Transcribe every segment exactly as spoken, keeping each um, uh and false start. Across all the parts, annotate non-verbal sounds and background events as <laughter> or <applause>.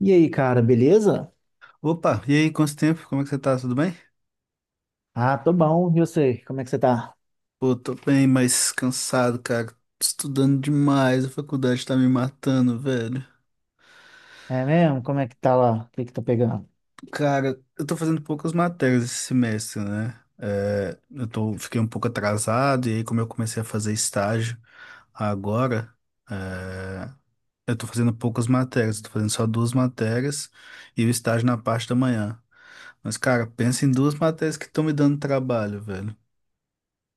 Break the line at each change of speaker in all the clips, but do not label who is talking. E aí, cara, beleza?
Opa, e aí, quanto tempo? Como é que você tá? Tudo bem?
Ah, tô bom. E você? Como é que você tá?
Pô, tô bem, mas cansado, cara. Tô Estudando demais, a faculdade tá me matando, velho.
É mesmo? Como é que tá lá? O que que tá pegando?
Cara, eu tô fazendo poucas matérias esse semestre, né? É, eu tô, fiquei um pouco atrasado, e aí, como eu comecei a fazer estágio agora, é, eu tô fazendo poucas matérias, eu tô fazendo só duas matérias e o estágio na parte da manhã. Mas, cara, pensa em duas matérias que estão me dando trabalho, velho.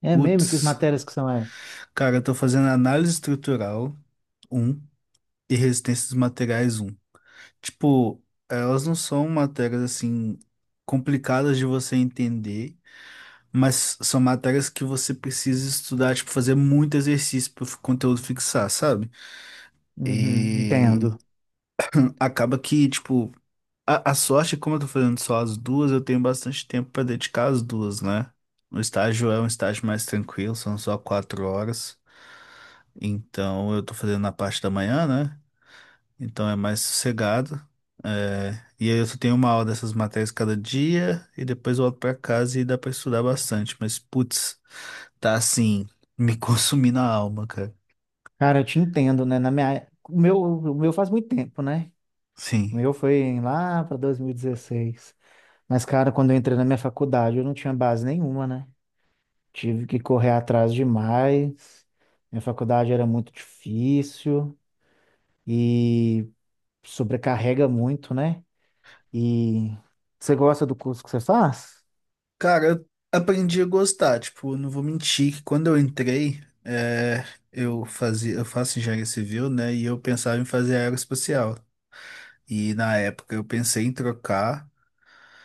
É mesmo? Que as
Putz.
matérias que são essas?
Cara, eu tô fazendo análise estrutural um e resistência dos materiais um. Tipo, elas não são matérias assim complicadas de você entender, mas são matérias que você precisa estudar, tipo, fazer muito exercício para o conteúdo fixar, sabe?
Uhum,
E
entendo.
acaba que, tipo, a, a sorte, como eu tô fazendo só as duas, eu tenho bastante tempo para dedicar as duas, né? O estágio é um estágio mais tranquilo, são só quatro horas. Então, eu tô fazendo na parte da manhã, né? Então é mais sossegado. É, e aí eu só tenho uma aula dessas matérias cada dia e depois eu volto pra casa e dá pra estudar bastante. Mas, putz, tá assim, me <laughs> consumindo a alma, cara.
Cara, eu te entendo, né? Na minha... é, O meu, o meu faz muito tempo, né? O
Sim.
meu foi lá pra dois mil e dezesseis. Mas, cara, quando eu entrei na minha faculdade, eu não tinha base nenhuma, né? Tive que correr atrás demais. Minha faculdade era muito difícil e sobrecarrega muito, né? E você gosta do curso que você faz?
Cara, eu aprendi a gostar. Tipo, não vou mentir que quando eu entrei, é, eu fazia, eu faço engenharia civil, né? E eu pensava em fazer aeroespacial. E na época eu pensei em trocar.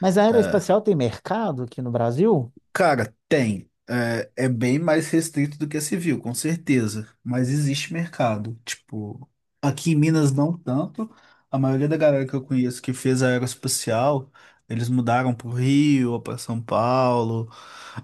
Mas a
eh,
aeroespacial tem mercado aqui no Brasil?
Cara, tem. É, é bem mais restrito do que a civil, com certeza. Mas existe mercado. Tipo, aqui em Minas não tanto. A maioria da galera que eu conheço que fez a aeroespacial, eles mudaram pro Rio ou para São Paulo.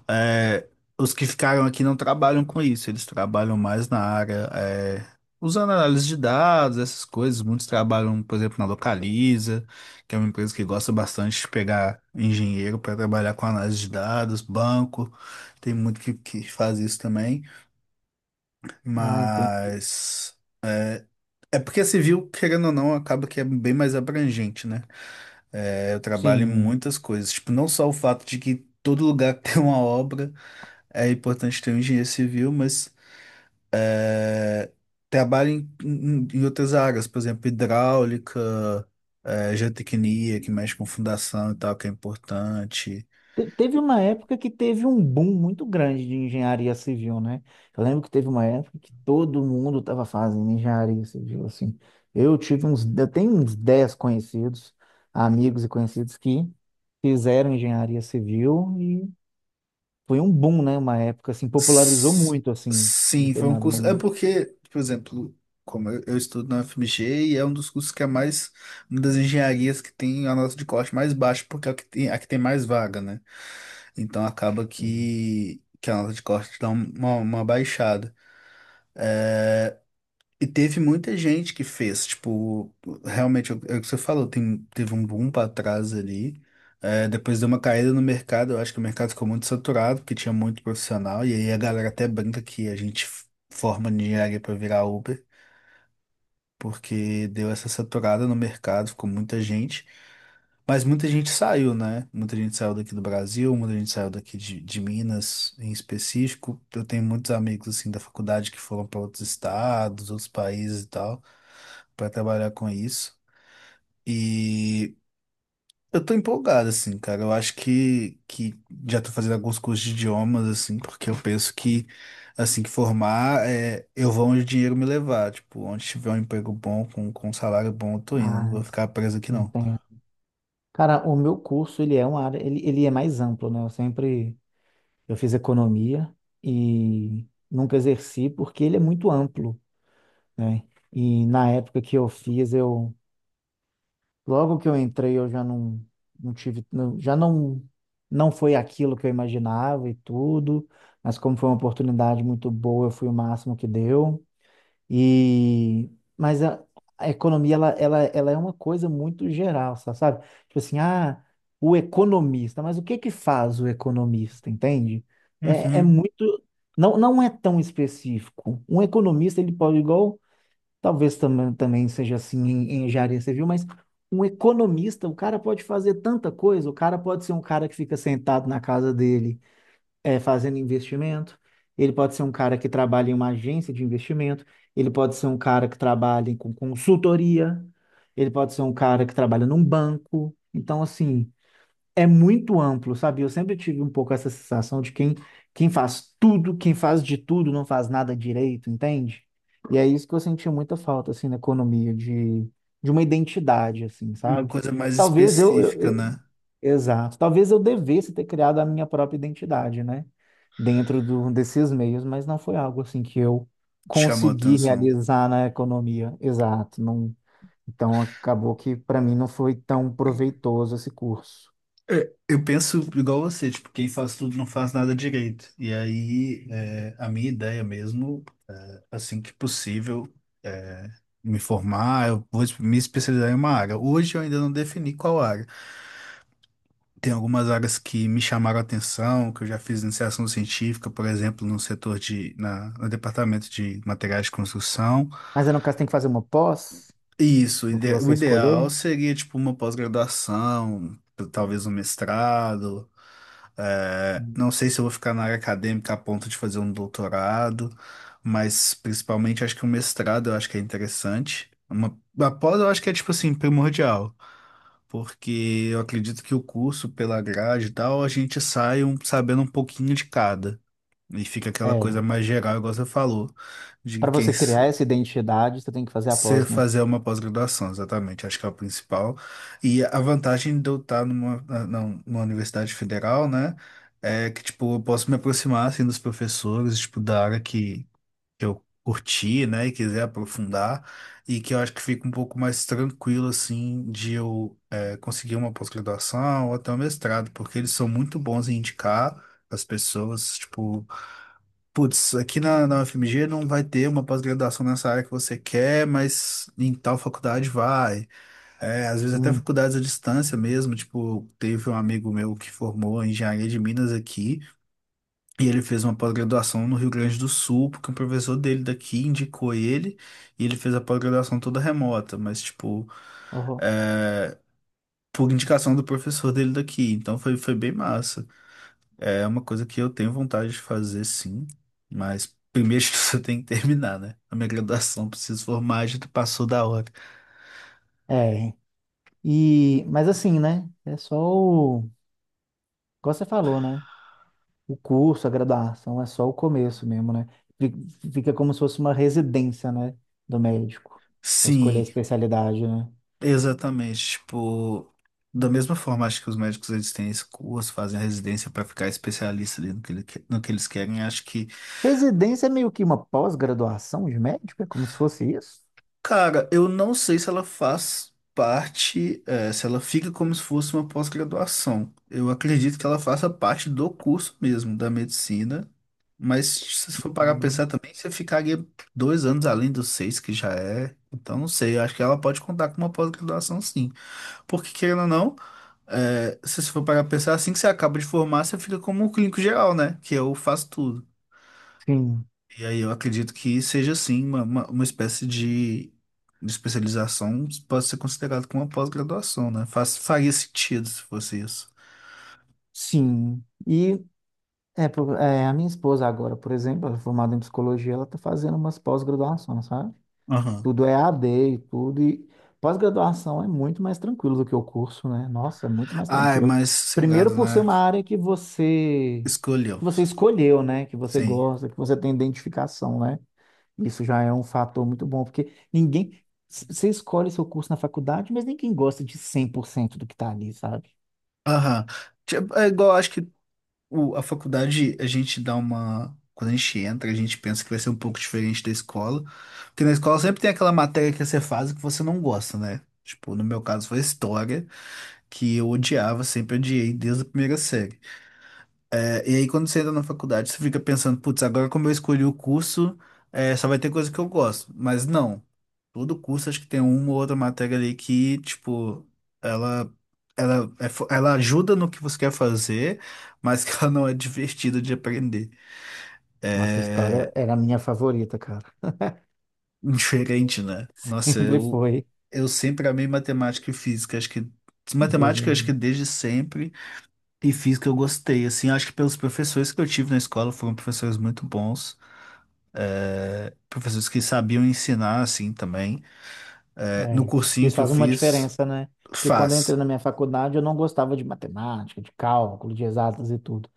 É, os que ficaram aqui não trabalham com isso. Eles trabalham mais na área, é, usando análise de dados, essas coisas. Muitos trabalham, por exemplo, na Localiza que é uma empresa que gosta bastante de pegar engenheiro para trabalhar com análise de dados, banco, tem muito que, que faz isso também,
Ah, entendi.
mas é porque a civil, querendo ou não, acaba que é bem mais abrangente, né? É, eu trabalho em
Sim.
muitas coisas, tipo, não só o fato de que todo lugar <laughs> que tem uma obra é importante ter um engenheiro civil, mas é, trabalha em, em- em outras áreas, por exemplo, hidráulica, é, geotecnia, que mexe com fundação e tal, que é importante.
Te- teve uma época que teve um boom muito grande de engenharia civil, né? Eu lembro que teve uma época que todo mundo estava fazendo engenharia civil, assim. Eu tive uns, eu tenho uns dez conhecidos, amigos e conhecidos que fizeram engenharia civil e foi um boom, né? Uma época, assim, popularizou
S-
muito, assim, em
Sim, foi um
determinado
curso. É
momento.
porque, por exemplo, como eu, eu estudo na U F M G e é um dos cursos que é mais, uma das engenharias que tem a nota de corte mais baixa, porque é a que tem, a que tem mais vaga, né? Então acaba que, que a nota de corte dá uma, uma baixada. E teve muita gente que fez, tipo, realmente, é o é o que você falou, tem, teve um boom para trás ali, é, depois deu uma caída no mercado, eu acho que o mercado ficou muito saturado, porque tinha muito profissional, e aí a galera até brinca que a gente f- forma de engenharia para virar Uber, porque deu essa saturada no mercado, ficou muita gente, mas muita gente saiu, né? Muita gente saiu daqui do Brasil, muita gente saiu daqui de, de Minas em específico. Eu tenho muitos amigos assim da faculdade que foram para outros estados, outros países e tal, para trabalhar com isso. E eu tô empolgado, assim, cara. Eu acho que, que já tô fazendo alguns cursos de idiomas, assim, porque eu penso que, assim que formar, é, eu vou onde o dinheiro me levar. Tipo, onde tiver um emprego bom, com, com um salário bom, eu tô indo. Não
Ah,
vou
isso-
ficar preso aqui, não.
entendo. Cara, o meu curso, ele é uma área, ele, ele é mais amplo, né? Eu sempre, eu fiz economia e nunca exerci porque ele é muito amplo, né? E na época que eu fiz, eu, logo que eu entrei, eu já não, não tive, não- já não, não foi aquilo que eu imaginava e tudo, mas como foi uma oportunidade muito boa, eu fui o máximo que deu. E mas a, a economia ela, ela, ela é uma coisa muito geral, sa- sabe? Tipo assim, ah, o economista, mas o que que faz o economista, entende? É, é
Uhum.
muito, não, não é tão específico. Um economista ele pode igual, talvez também também seja assim em, em engenharia civil, mas um economista, o cara pode fazer tanta coisa, o cara pode ser um cara que fica sentado na casa dele é, fazendo investimento, ele pode ser um cara que trabalha em uma agência de investimento, ele pode ser um cara que trabalha com consultoria, ele pode ser um cara que trabalha num banco. Então, assim, é muito amplo, sabe? Eu sempre tive um pouco essa sensação de quem, quem faz tudo, quem faz de tudo, não faz nada direito, entende? E é isso que eu senti muita falta, assim, na economia, de, de uma identidade, assim,
Uma
sabe?
coisa mais
Talvez eu,
específica,
eu,
né?
Exato. Talvez eu devesse ter criado a minha própria identidade, né? Dentro do, desses meios, mas não foi algo assim que eu
Te chamou a
consegui
atenção.
realizar na economia. Exato. Não, então acabou que para mim não foi tão proveitoso esse curso.
É, eu penso igual você, tipo, quem faz tudo não faz nada direito. E aí, é, a minha ideia mesmo. Assim que possível, é, me formar, eu vou me especializar em uma área. Hoje eu ainda não defini qual área. Tem algumas áreas que me chamaram a atenção, que eu já fiz iniciação científica, por exemplo, no setor de, na, no departamento de materiais de construção.
Mas aí, no caso, tem que fazer uma pós
Isso, o
no que
ide- o
você
ideal
escolher.
seria tipo uma pós-graduação, t- talvez um mestrado. É,
Hum.
não sei se eu vou ficar na área acadêmica a ponto de fazer um doutorado, mas principalmente acho que um mestrado eu acho que é interessante. Uma, a pós eu acho que é tipo assim, primordial, porque eu acredito que o curso, pela grade e tal, a gente sai um- sabendo um pouquinho de cada. E fica aquela coisa
É.
mais geral, igual você falou, de
Para
quem,
você criar essa identidade, você tem que fazer a
você
pós, né?
fazer uma pós-graduação, exatamente, acho que é o principal. E a vantagem de eu estar numa, na- na- numa universidade federal, né, é que, tipo, eu posso me aproximar, assim, dos professores, tipo, da área que, que eu curti, né, e quiser aprofundar, e que eu acho que fica um pouco mais tranquilo, assim, de eu é, conseguir uma pós-graduação ou até um mestrado, porque eles são muito bons em indicar as pessoas, tipo, putz, aqui na, na U F M G não vai ter uma pós-graduação nessa área que você quer, mas em tal faculdade vai. É, às vezes até
Hum.
faculdades à distância mesmo, tipo, teve um amigo meu que formou em engenharia de Minas aqui, e ele fez uma pós-graduação no Rio Grande do Sul, porque um professor dele daqui indicou ele, e ele fez a pós-graduação toda remota, mas tipo,
Uhum.
é, por indicação do professor dele daqui, então foi, foi bem massa. É uma coisa que eu tenho vontade de fazer, sim, mas primeiro <laughs> que você tem que terminar, né? A minha graduação, preciso formar, já passou da hora.
É. E, mas assim, né? É só o. Igual você falou, né? O curso, a graduação é só o começo mesmo, né? Fi- Fica como se fosse uma residência, né, do médico, para escolher a
Sim,
especialidade, né?
exatamente. Tipo, da mesma forma, acho que os médicos eles têm esse curso, fazem a residência para ficar especialista ali no que, ele que- no que eles querem. Acho que
Residência é meio que uma pós-graduação de médico, é como se fosse isso?
Cara, eu não sei se ela faz parte, eh, se ela fica como se fosse uma pós-graduação. Eu acredito que ela faça parte do curso mesmo, da medicina. Mas se você for parar pra
Hum.
pensar também, você ficaria dois anos além dos seis que já é. Então, não sei, eu acho que ela pode contar com uma pós-graduação sim. Porque, querendo ou não, eh, se você for parar pra pensar, assim que você acaba de formar, você fica como um clínico geral, né? Que eu faço tudo.
Sim,
E aí eu acredito que seja sim uma, uma, uma espécie de, de especialização, pode ser considerado como uma pós-graduação, né? Faz, faria sentido se fosse isso.
sim. E é, por- é, a minha esposa agora, por exemplo, ela é formada em psicologia, ela está fazendo umas pós-graduações, sabe?
Aham.
Tudo é A D e tudo. E pós-graduação é muito mais tranquilo do que o curso, né? Nossa, é muito mais
Ah, é
tranquilo.
mais
Primeiro
sossegado,
por ser
né?
uma área que você
Escolheu.
que você escolheu, né? Que você
Sim.
gosta, que você tem identificação, né? Isso já é um fator muito bom, porque ninguém c- você escolhe seu curso na faculdade, mas ninguém gosta de cem por cento do que tá ali, sabe?
Aham. Tipo, é igual, acho que o, a faculdade, a gente dá uma. Quando a gente entra, a gente pensa que vai ser um pouco diferente da escola. Porque na escola sempre tem aquela matéria que você faz e que você não gosta, né? Tipo, no meu caso foi história, que eu odiava, sempre odiei desde a primeira série. E aí, quando você entra na faculdade, você fica pensando, putz, agora como eu escolhi o curso, eh, só vai ter coisa que eu gosto. Mas não. Todo curso, acho que tem uma ou outra matéria ali que, tipo, ela, ela, é fo- ela ajuda no que você quer fazer, mas que <laughs> ela não é divertida de aprender.
Nossa, a história
É
era a minha favorita, cara.
diferente, né?
<laughs>
Nossa,
Sempre
eu,
foi.
eu sempre amei matemática e física. Acho que
Deus me
matemática, acho que
livre.
desde sempre, e física eu gostei. Assim, acho que pelos professores que eu tive na escola foram professores muito bons. é, professores que sabiam ensinar assim também. É, no
É,
cursinho
isso
que eu
faz uma
fiz,
diferença, né? Porque quando eu entrei
faz.
na minha faculdade, eu não gostava de matemática, de cálculo, de exatas e tudo.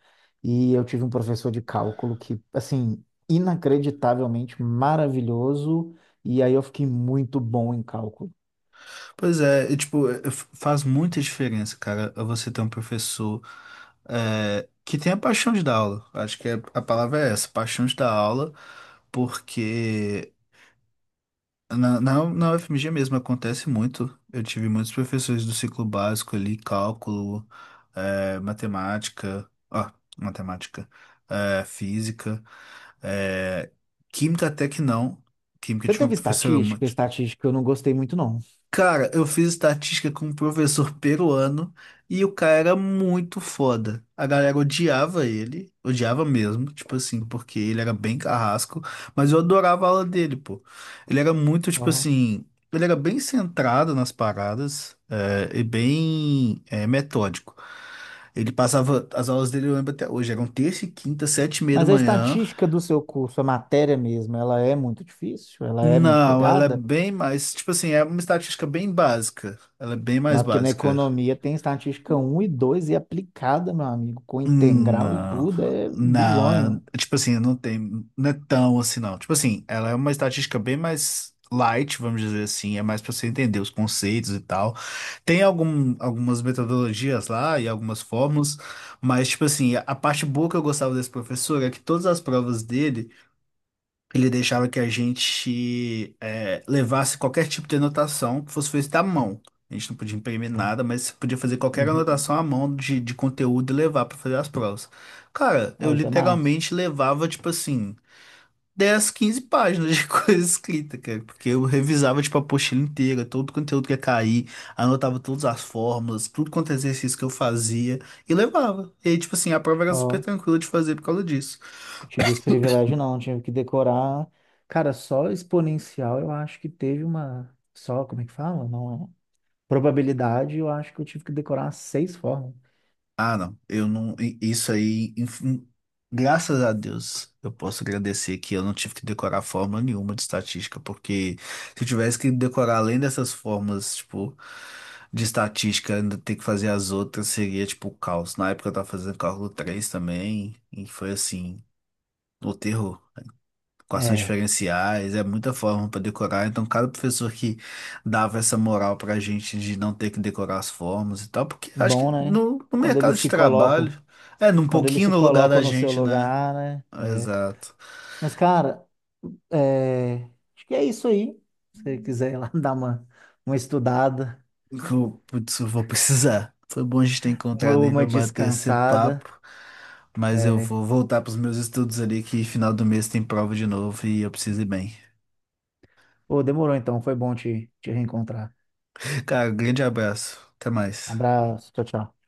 E eu tive um professor de cálculo que, assim, inacreditavelmente maravilhoso, e aí eu fiquei muito bom em cálculo.
Pois é, e, tipo, é, f- faz muita diferença, cara, você ter um professor é, que tenha paixão de dar aula. Acho que é- a palavra é essa, paixão de dar aula, porque na, na, na U F M G mesmo acontece muito. Eu tive muitos professores do ciclo básico ali, cálculo, eh, matemática, ó, matemática, eh, física, eh, química até que não. Química eu
Você
tive uma
teve
professora.
estatística? Estatística eu não gostei muito, não.
Cara, eu fiz estatística com um professor peruano e o cara era muito foda. A galera odiava ele, odiava mesmo, tipo assim, porque ele era bem carrasco, mas eu adorava a aula dele, pô. Ele era muito, tipo
Aham.
assim, ele era bem centrado nas paradas, é, e bem, é, metódico. Ele passava, as aulas dele eu lembro até hoje, eram terça e quinta, sete e meia da
Mas a
manhã.
estatística do seu curso, a matéria mesmo, ela é muito difícil? Ela é muito
Não, ela é
pegada?
bem mais, tipo assim, é uma estatística bem básica. Ela é bem mais
Não, porque na
básica.
economia tem estatística um e dois e aplicada, meu amigo, com
Hum,
integral e
Não,
tudo, é
não,
bizonho.
é- tipo assim, não tem, não é tão assim, não. Tipo assim, ela é uma estatística bem mais light, vamos dizer assim, é mais pra você entender os conceitos e tal. Tem algum, algumas metodologias lá e algumas fórmulas, mas, tipo assim, a a parte boa que eu gostava desse professor é que todas as provas dele. Ele deixava que a gente eh, levasse qualquer tipo de anotação que fosse feita à mão. A gente não podia imprimir nada, mas você podia fazer qualquer
Uhum.
anotação à mão de, de conteúdo e levar para fazer as provas. Cara, eu
Ó, isso é massa.
literalmente levava, tipo assim, dez, quinze páginas de <laughs> coisa escrita, cara, porque eu revisava, tipo, a apostila inteira, todo o conteúdo que ia cair, anotava todas as fórmulas, tudo quanto é exercício que eu fazia e levava. E aí, tipo assim, a prova era super
Ó,
tranquila de fazer por causa disso.
tive esse privilégio não, tive que decorar. Cara, só exponencial eu acho que teve uma. Só, como é que fala? Não é. Probabilidade, eu acho que eu tive que decorar umas seis formas.
Ah, não, eu não. i- Isso aí, enfim, graças a Deus, eu posso agradecer que eu não tive que decorar forma nenhuma de estatística, porque se eu tivesse que decorar além dessas formas, tipo, de estatística, ainda ter que fazer as outras, seria tipo o caos. Na época eu tava fazendo cálculo três também, e foi assim, o terror equações
É,
diferenciais, é muita forma para decorar. Então, cada professor que dava essa moral para a gente de não ter que decorar as formas e tal, porque acho que
bom, né?
no, no
Quando
mercado
eles
de
se colocam,
trabalho, é, num
quando eles
pouquinho
se
no lugar
colocam
da
no seu
gente, né?
lugar, né? É.
Exato.
Mas, cara, É, acho que é isso aí. Se você quiser ir lá <laughs> dar uma, uma estudada,
Eu, putz, eu vou precisar. Foi bom a gente ter
uma,
encontrado aí
uma
para bater esse
descansada.
papo, mas eu
É.
vou voltar para os meus estudos ali, que final do mês tem prova de novo e eu preciso ir bem.
Ô, demorou então, foi bom te, te reencontrar.
Cara, grande abraço. Até
Um
mais.
abraço, tchau, tchau.